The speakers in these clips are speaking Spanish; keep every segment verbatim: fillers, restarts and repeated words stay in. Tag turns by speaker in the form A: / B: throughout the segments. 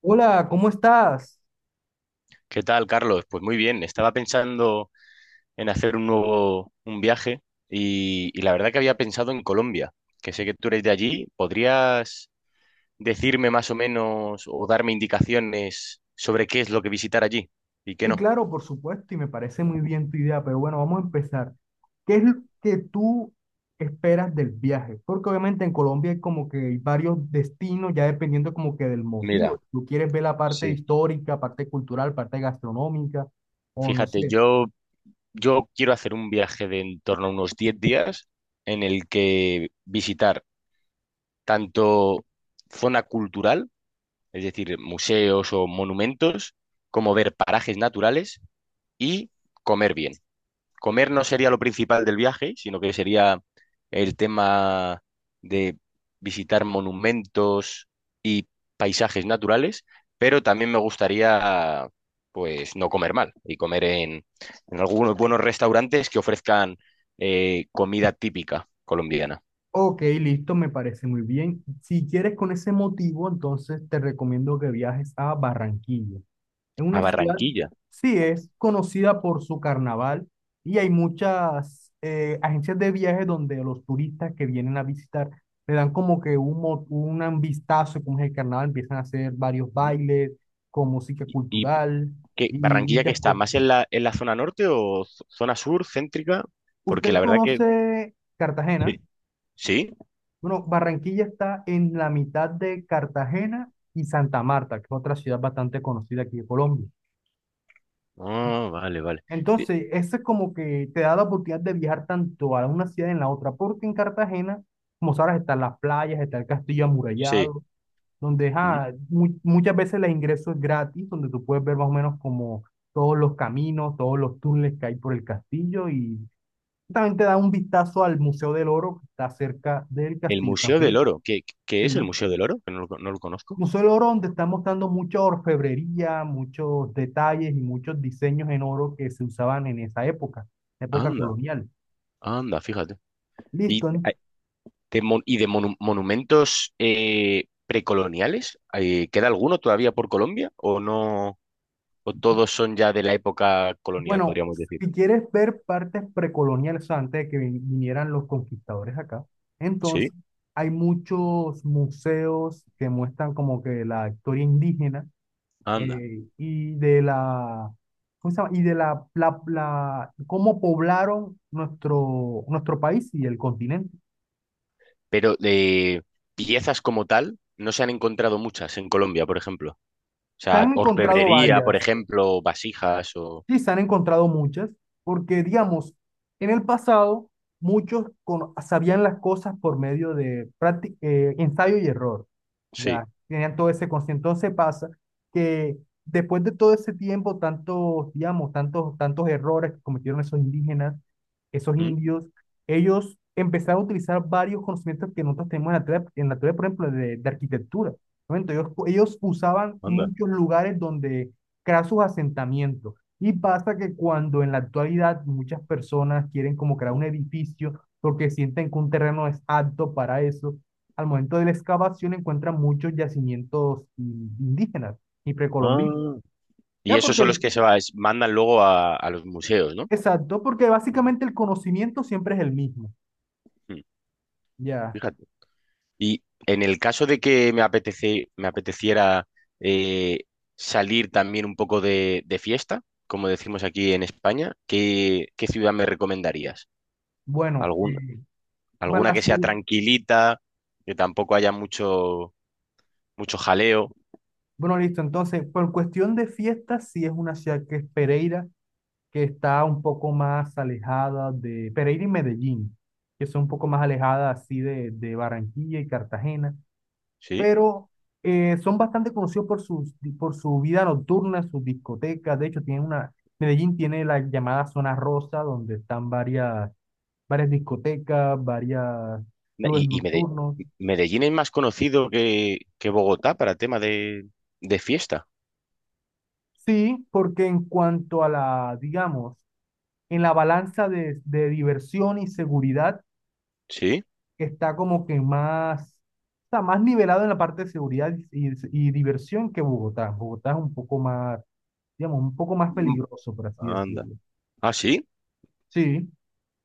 A: Hola, ¿cómo estás?
B: ¿Qué tal, Carlos? Pues muy bien, estaba pensando en hacer un nuevo un viaje y, y la verdad que había pensado en Colombia, que sé que tú eres de allí. ¿Podrías decirme más o menos o darme indicaciones sobre qué es lo que visitar allí y qué
A: Sí,
B: no?
A: claro, por supuesto, y me parece muy bien tu idea, pero bueno, vamos a empezar. ¿Qué es lo que tú esperas del viaje? Porque obviamente en Colombia hay como que hay varios destinos, ya dependiendo como que del motivo.
B: Mira,
A: Si tú quieres ver la parte
B: sí,
A: histórica, parte cultural, parte gastronómica, o no
B: Fíjate,
A: sé.
B: yo, yo quiero hacer un viaje de en torno a unos diez días en el que visitar tanto zona cultural, es decir, museos o monumentos, como ver parajes naturales y comer bien. Comer no sería lo principal del viaje, sino que sería el tema de visitar monumentos y paisajes naturales, pero también me gustaría, pues, no comer mal y comer en, en algunos buenos restaurantes que ofrezcan eh, comida típica colombiana.
A: Ok, listo, me parece muy bien. Si quieres con ese motivo, entonces te recomiendo que viajes a Barranquilla. Es
B: A
A: una ciudad,
B: Barranquilla.
A: sí, es conocida por su carnaval y hay muchas eh, agencias de viajes donde los turistas que vienen a visitar le dan como que un, mo- un vistazo de cómo es el carnaval, empiezan a hacer varios
B: Mm.
A: bailes con música
B: ¿Y
A: cultural
B: qué,
A: y
B: Barranquilla que
A: muchas
B: está?
A: cosas.
B: ¿Más en la, en la zona norte o z- zona sur, céntrica? Porque
A: ¿Usted
B: la verdad que...
A: conoce Cartagena?
B: Sí. ¿Sí?
A: Bueno, Barranquilla está en la mitad de Cartagena y Santa Marta, que es otra ciudad bastante conocida aquí de Colombia.
B: Ah, vale, vale. Di-
A: Entonces, eso es como que te da la oportunidad de viajar tanto a una ciudad en la otra, porque en Cartagena, como sabes, están las playas, está el castillo
B: sí.
A: amurallado, donde
B: ¿Mm?
A: ah, mu- muchas veces el ingreso es gratis, donde tú puedes ver más o menos como todos los caminos, todos los túneles que hay por el castillo y también te da un vistazo al Museo del Oro que está cerca del
B: El
A: castillo de San
B: Museo del
A: Felipe.
B: Oro. ¿Qué, qué es el
A: Sí.
B: Museo del Oro? Que no lo, co- no lo conozco.
A: Museo del Oro, donde están mostrando mucha orfebrería, muchos detalles y muchos diseños en oro que se usaban en esa época, época
B: Anda,
A: colonial.
B: anda, fíjate. ¿Y
A: Listo.
B: a- ¿De, mon- y de monu- monumentos eh, precoloniales? Eh, ¿queda alguno todavía por Colombia? ¿O no? ¿O todos son ya de la época colonial,
A: Bueno,
B: podríamos decir?
A: si quieres ver partes precoloniales, antes de que vinieran los conquistadores acá, entonces
B: Sí,
A: hay muchos museos que muestran como que la historia indígena
B: anda.
A: eh, y de la, ¿cómo se llama? Y de la, la, la- cómo poblaron nuestro, nuestro país y el continente.
B: Pero de piezas como tal, no se han encontrado muchas en Colombia, por ejemplo. O
A: Se
B: sea,
A: han encontrado
B: orfebrería, por
A: varias.
B: ejemplo, vasijas o...
A: Sí, se han encontrado muchas, porque digamos, en el pasado muchos cono- sabían las cosas por medio de prácti- eh, ensayo y error,
B: Sí.
A: ya tenían todo ese conocimiento. Entonces pasa que después de todo ese tiempo, tantos, digamos, tantos, tantos errores que cometieron esos indígenas, esos
B: ¿Mm?
A: indios, ellos empezaron a utilizar varios conocimientos que nosotros tenemos en la teoría, en la teoría, por ejemplo, de, de arquitectura. ¿No? Entonces, ellos ellos usaban
B: Anda.
A: muchos lugares donde crear sus asentamientos. Y pasa que cuando en la actualidad muchas personas quieren como crear un edificio porque sienten que un terreno es apto para eso, al momento de la excavación encuentran muchos yacimientos in- indígenas y precolombinos.
B: Ah, y
A: Ya
B: esos
A: porque
B: son los
A: el,
B: que se va- es- mandan luego a, a los museos, ¿no?
A: exacto, porque básicamente el conocimiento siempre es el mismo.
B: Mm,
A: Ya.
B: fíjate. Y en el caso de que me apetece, me apeteciera eh, salir también un poco de, de fiesta, como decimos aquí en España, ¿qué, qué ciudad me recomendarías?
A: Bueno,
B: ¿Algún,
A: eh, para
B: alguna
A: la
B: que sea
A: ciudad-
B: tranquilita, que tampoco haya mucho, mucho jaleo,
A: bueno, listo. Entonces, por cuestión de fiestas, sí es una ciudad que es Pereira, que está un poco más alejada de Pereira y Medellín, que son un poco más alejadas así de, de Barranquilla y Cartagena,
B: ¿sí?
A: pero eh, son bastante conocidos por, sus, por su vida nocturna, sus discotecas. De hecho, tienen una, Medellín tiene la llamada Zona Rosa, donde están varias, varias discotecas, varias clubes
B: Y, y Mede-
A: nocturnos.
B: Medellín es más conocido que, que Bogotá para tema de, de fiesta,
A: Sí, porque en cuanto a la, digamos, en la balanza de, de diversión y seguridad,
B: ¿sí?
A: que está como que más, está más nivelado en la parte de seguridad y, y diversión que Bogotá. Bogotá es un poco más, digamos, un poco más peligroso, por así
B: Anda.
A: decirlo.
B: Ah, sí,
A: Sí.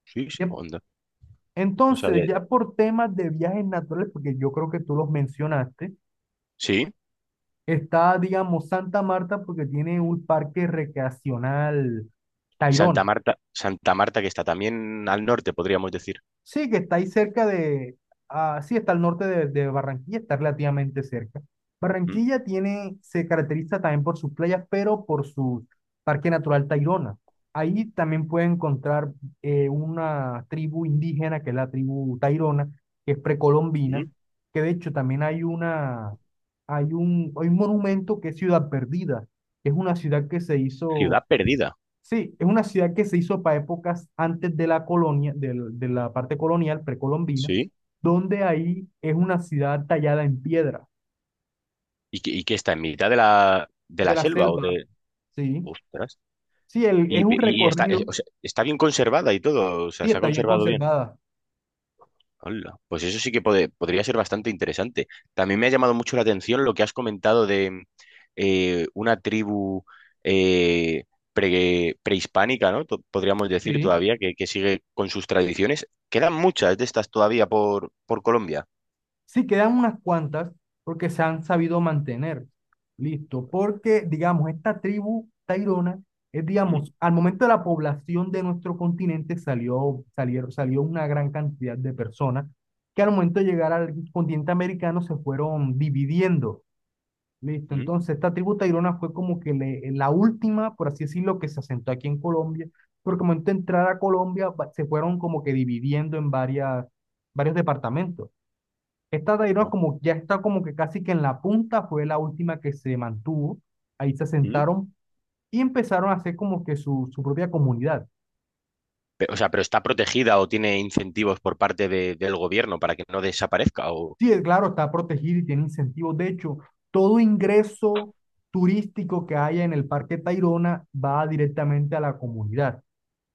B: sí, sí,
A: ya-
B: onda. No
A: Entonces,
B: sabía.
A: ya por temas de viajes naturales, porque yo creo que tú los mencionaste,
B: Sí,
A: está, digamos, Santa Marta porque tiene un parque recreacional, Tayrona.
B: Santa Marta, Santa Marta que está también al norte, podríamos decir.
A: Sí, que está ahí cerca de, ah, sí, está al norte de, de Barranquilla, está relativamente cerca.
B: Mm,
A: Barranquilla tiene, se caracteriza también por sus playas, pero por su Parque Natural Tayrona. Ahí también puede encontrar eh, una tribu indígena, que es la tribu Tayrona, que es precolombina,
B: mm.
A: que de hecho también hay una, hay un, hay un monumento que es Ciudad Perdida, que es una ciudad que se hizo.
B: Ciudad perdida,
A: Sí, es una ciudad que se hizo para épocas antes de la colonia, del- de la parte colonial precolombina,
B: sí.
A: donde ahí es una ciudad tallada en piedra,
B: ¿Y que, y que está en mitad de la, de
A: de
B: la
A: la
B: selva o
A: selva,
B: de...
A: sí.
B: Ostras.
A: Sí, el-
B: Y,
A: es un
B: y- y está, es-
A: recorrido,
B: o sea, está bien conservada y todo, o sea,
A: sí,
B: se ha
A: está bien
B: conservado bien.
A: conservada,
B: Hola, pues eso sí que pode- podría ser bastante interesante. También me ha llamado mucho la atención lo que has comentado de eh, una tribu eh, pre- prehispánica, ¿no? To- podríamos decir
A: sí.
B: todavía, que, que sigue con sus tradiciones. Quedan muchas de estas todavía por, por Colombia.
A: Sí, quedan unas cuantas porque se han sabido mantener. Listo, porque digamos, esta tribu tairona es,
B: ¿Mm?
A: digamos, al momento de la población de nuestro continente salió, salieron, salió una gran cantidad de personas que al momento de llegar al continente americano se fueron dividiendo. Listo,
B: ¿Mm?
A: entonces esta tribu tairona fue como que le- la última, por así decirlo, que se asentó aquí en Colombia, porque al momento de entrar a Colombia va- se fueron como que dividiendo en varias, varios departamentos. Esta Tayrona
B: ¿No?
A: como ya está como que casi que en la punta, fue la última que se mantuvo. Ahí se
B: ¿Mm?
A: asentaron y empezaron a hacer como que su, su propia comunidad.
B: Pe- O sea, pero está protegida o tiene incentivos por parte de- del gobierno para que no desaparezca o
A: Sí, es claro, está protegida y tiene incentivos. De hecho, todo ingreso turístico que haya en el Parque Tayrona va directamente a la comunidad.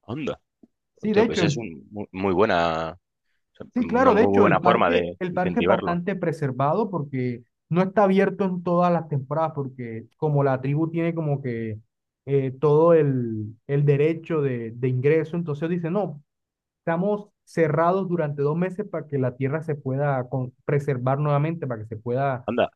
B: anda.
A: Sí, de
B: Hostia,
A: hecho,
B: pues es
A: el,
B: un, mu- muy buena,
A: sí,
B: una
A: claro, de
B: muy
A: hecho, el
B: buena forma
A: parque,
B: de
A: el parque es
B: incentivarlo.
A: bastante preservado porque no está abierto en todas las temporadas, porque como la tribu tiene como que eh, todo el, el derecho de, de ingreso, entonces dice, no, estamos cerrados durante dos meses para que la tierra se pueda con- preservar nuevamente, para que se pueda...
B: Anda.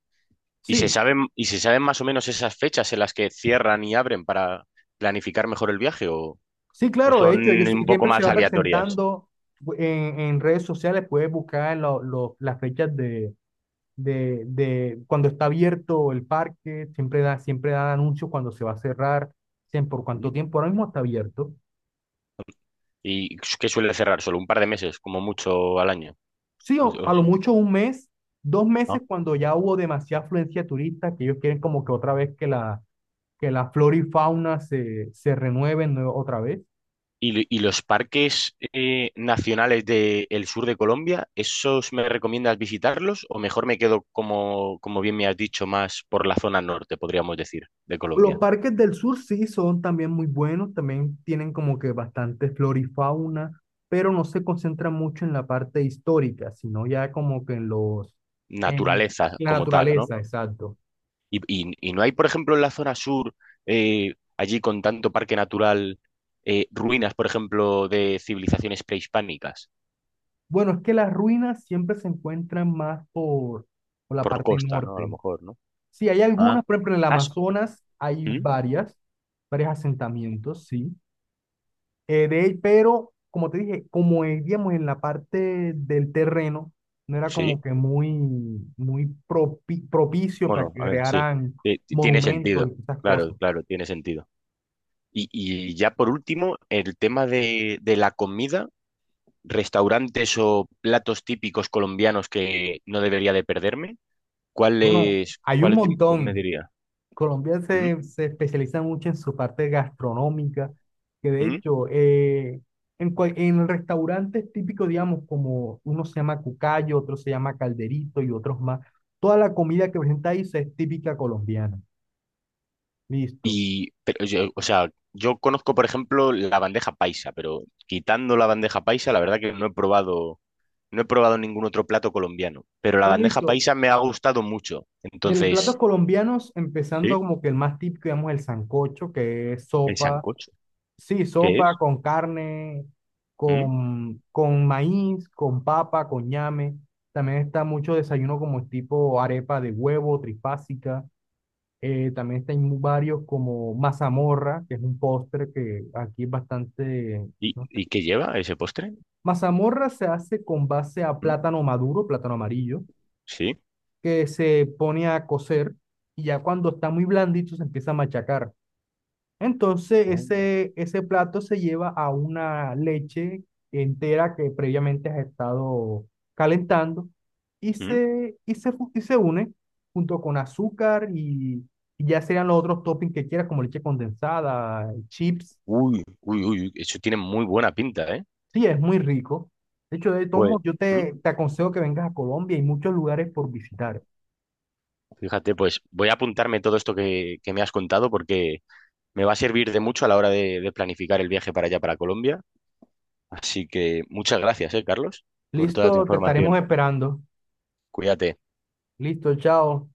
B: ¿Y se
A: Sí,
B: saben, y se saben más o menos esas fechas en las que cierran y abren para planificar mejor el viaje o,
A: sí,
B: o
A: claro, de
B: son
A: hecho, ellos
B: un poco
A: siempre se
B: más
A: va
B: aleatorias?
A: presentando en, en redes sociales, puedes buscar en lo- lo- las fechas de de, de cuando está abierto el parque, siempre da, siempre da anuncios cuando se va a cerrar, siempre por
B: ¿Mm?
A: cuánto tiempo, ahora mismo está abierto.
B: ¿Y qué suele cerrar? ¿Solo un par de meses, como mucho al año?
A: Sí,
B: O-
A: o
B: o-
A: a lo mucho un mes, dos meses
B: ¿No?
A: cuando ya hubo demasiada afluencia de turistas, que ellos quieren como que otra vez que la, que la flora y fauna se, se renueven nue- otra vez.
B: ¿Y, y los parques eh, nacionales del sur de Colombia, esos me recomiendas visitarlos o mejor me quedo, como, como bien me has dicho, más por la zona norte, podríamos decir, de
A: Los
B: Colombia?
A: parques del sur sí son también muy buenos, también tienen como que bastante flora y fauna, pero no se concentran mucho en la parte histórica, sino ya como que en los, en
B: Naturaleza
A: la
B: como tal, ¿no?
A: naturaleza, exacto.
B: Y, y- y no hay, por ejemplo, en la zona sur, eh, allí con tanto parque natural, eh, ruinas, por ejemplo, de civilizaciones prehispánicas,
A: Bueno, es que las ruinas siempre se encuentran más por, por la
B: por
A: parte
B: costa, ¿no? A lo
A: norte.
B: mejor, ¿no?
A: Sí, hay
B: Ah,
A: algunas, por ejemplo, en el
B: ah, s-
A: Amazonas hay
B: ¿mm?
A: varias, varios asentamientos, sí. Eh, de él, pero como te dije, como vivíamos en la parte del terreno, no era como
B: Sí,
A: que muy, muy propi- propicio para
B: bueno,
A: que
B: a ver, sí.
A: crearan
B: Eh, t- tiene
A: monumentos
B: sentido,
A: y esas cosas.
B: claro, claro, tiene sentido. Y, y ya por último, el tema de, de la comida, restaurantes o platos típicos colombianos que no debería de perderme,
A: Bueno,
B: ¿cuáles,
A: hay un
B: cuáles di- cu- me
A: montón.
B: diría?
A: Colombia
B: ¿Mm?
A: se, se especializa mucho en su parte gastronómica, que de
B: ¿Mm?
A: hecho, eh, en, cual- en restaurantes típicos, digamos, como uno se llama cucayo, otro se llama calderito y otros más, toda la comida que presenta ahí se es típica colombiana. Listo.
B: Y, pero yo, o sea, yo conozco, por ejemplo, la bandeja paisa, pero quitando la bandeja paisa, la verdad que no he probado, no he probado ningún otro plato colombiano. Pero la
A: No,
B: bandeja
A: listo.
B: paisa me ha gustado mucho.
A: Del platos
B: Entonces,
A: colombianos, empezando
B: sí,
A: como que el más típico, digamos, el sancocho, que es
B: el
A: sopa,
B: sancocho.
A: sí,
B: ¿Qué
A: sopa
B: es?
A: con carne,
B: ¿Mm?
A: con, con maíz, con papa, con ñame. También está mucho desayuno como tipo arepa de huevo, trifásica. Eh, también está en varios como mazamorra, que es un postre que aquí es bastante...
B: ¿Y,
A: ¿No?
B: y qué lleva ese postre?
A: Mazamorra se hace con base a
B: ¿Mm?
A: plátano maduro, plátano amarillo,
B: Sí.
A: que se pone a cocer y ya cuando está muy blandito se empieza a machacar. Entonces
B: Anda.
A: ese, ese plato se lleva a una leche entera que previamente has estado calentando y
B: ¿Mm?
A: se, y se, fu- y se une junto con azúcar y, y ya serían los otros toppings que quieras, como leche condensada, chips.
B: Uy, uy, uy, uy, eso tiene muy buena pinta, ¿eh?
A: Sí, es muy rico. De hecho, de todos
B: Pues,
A: modos, yo
B: ¿mm?
A: te, te aconsejo que vengas a Colombia, hay muchos lugares por visitar.
B: Fíjate, pues voy a apuntarme todo esto que, que me has contado porque me va a servir de mucho a la hora de de planificar el viaje para allá, para Colombia. Así que muchas gracias, eh, Carlos, por toda tu
A: Listo, te estaremos
B: información.
A: esperando.
B: Cuídate.
A: Listo, chao.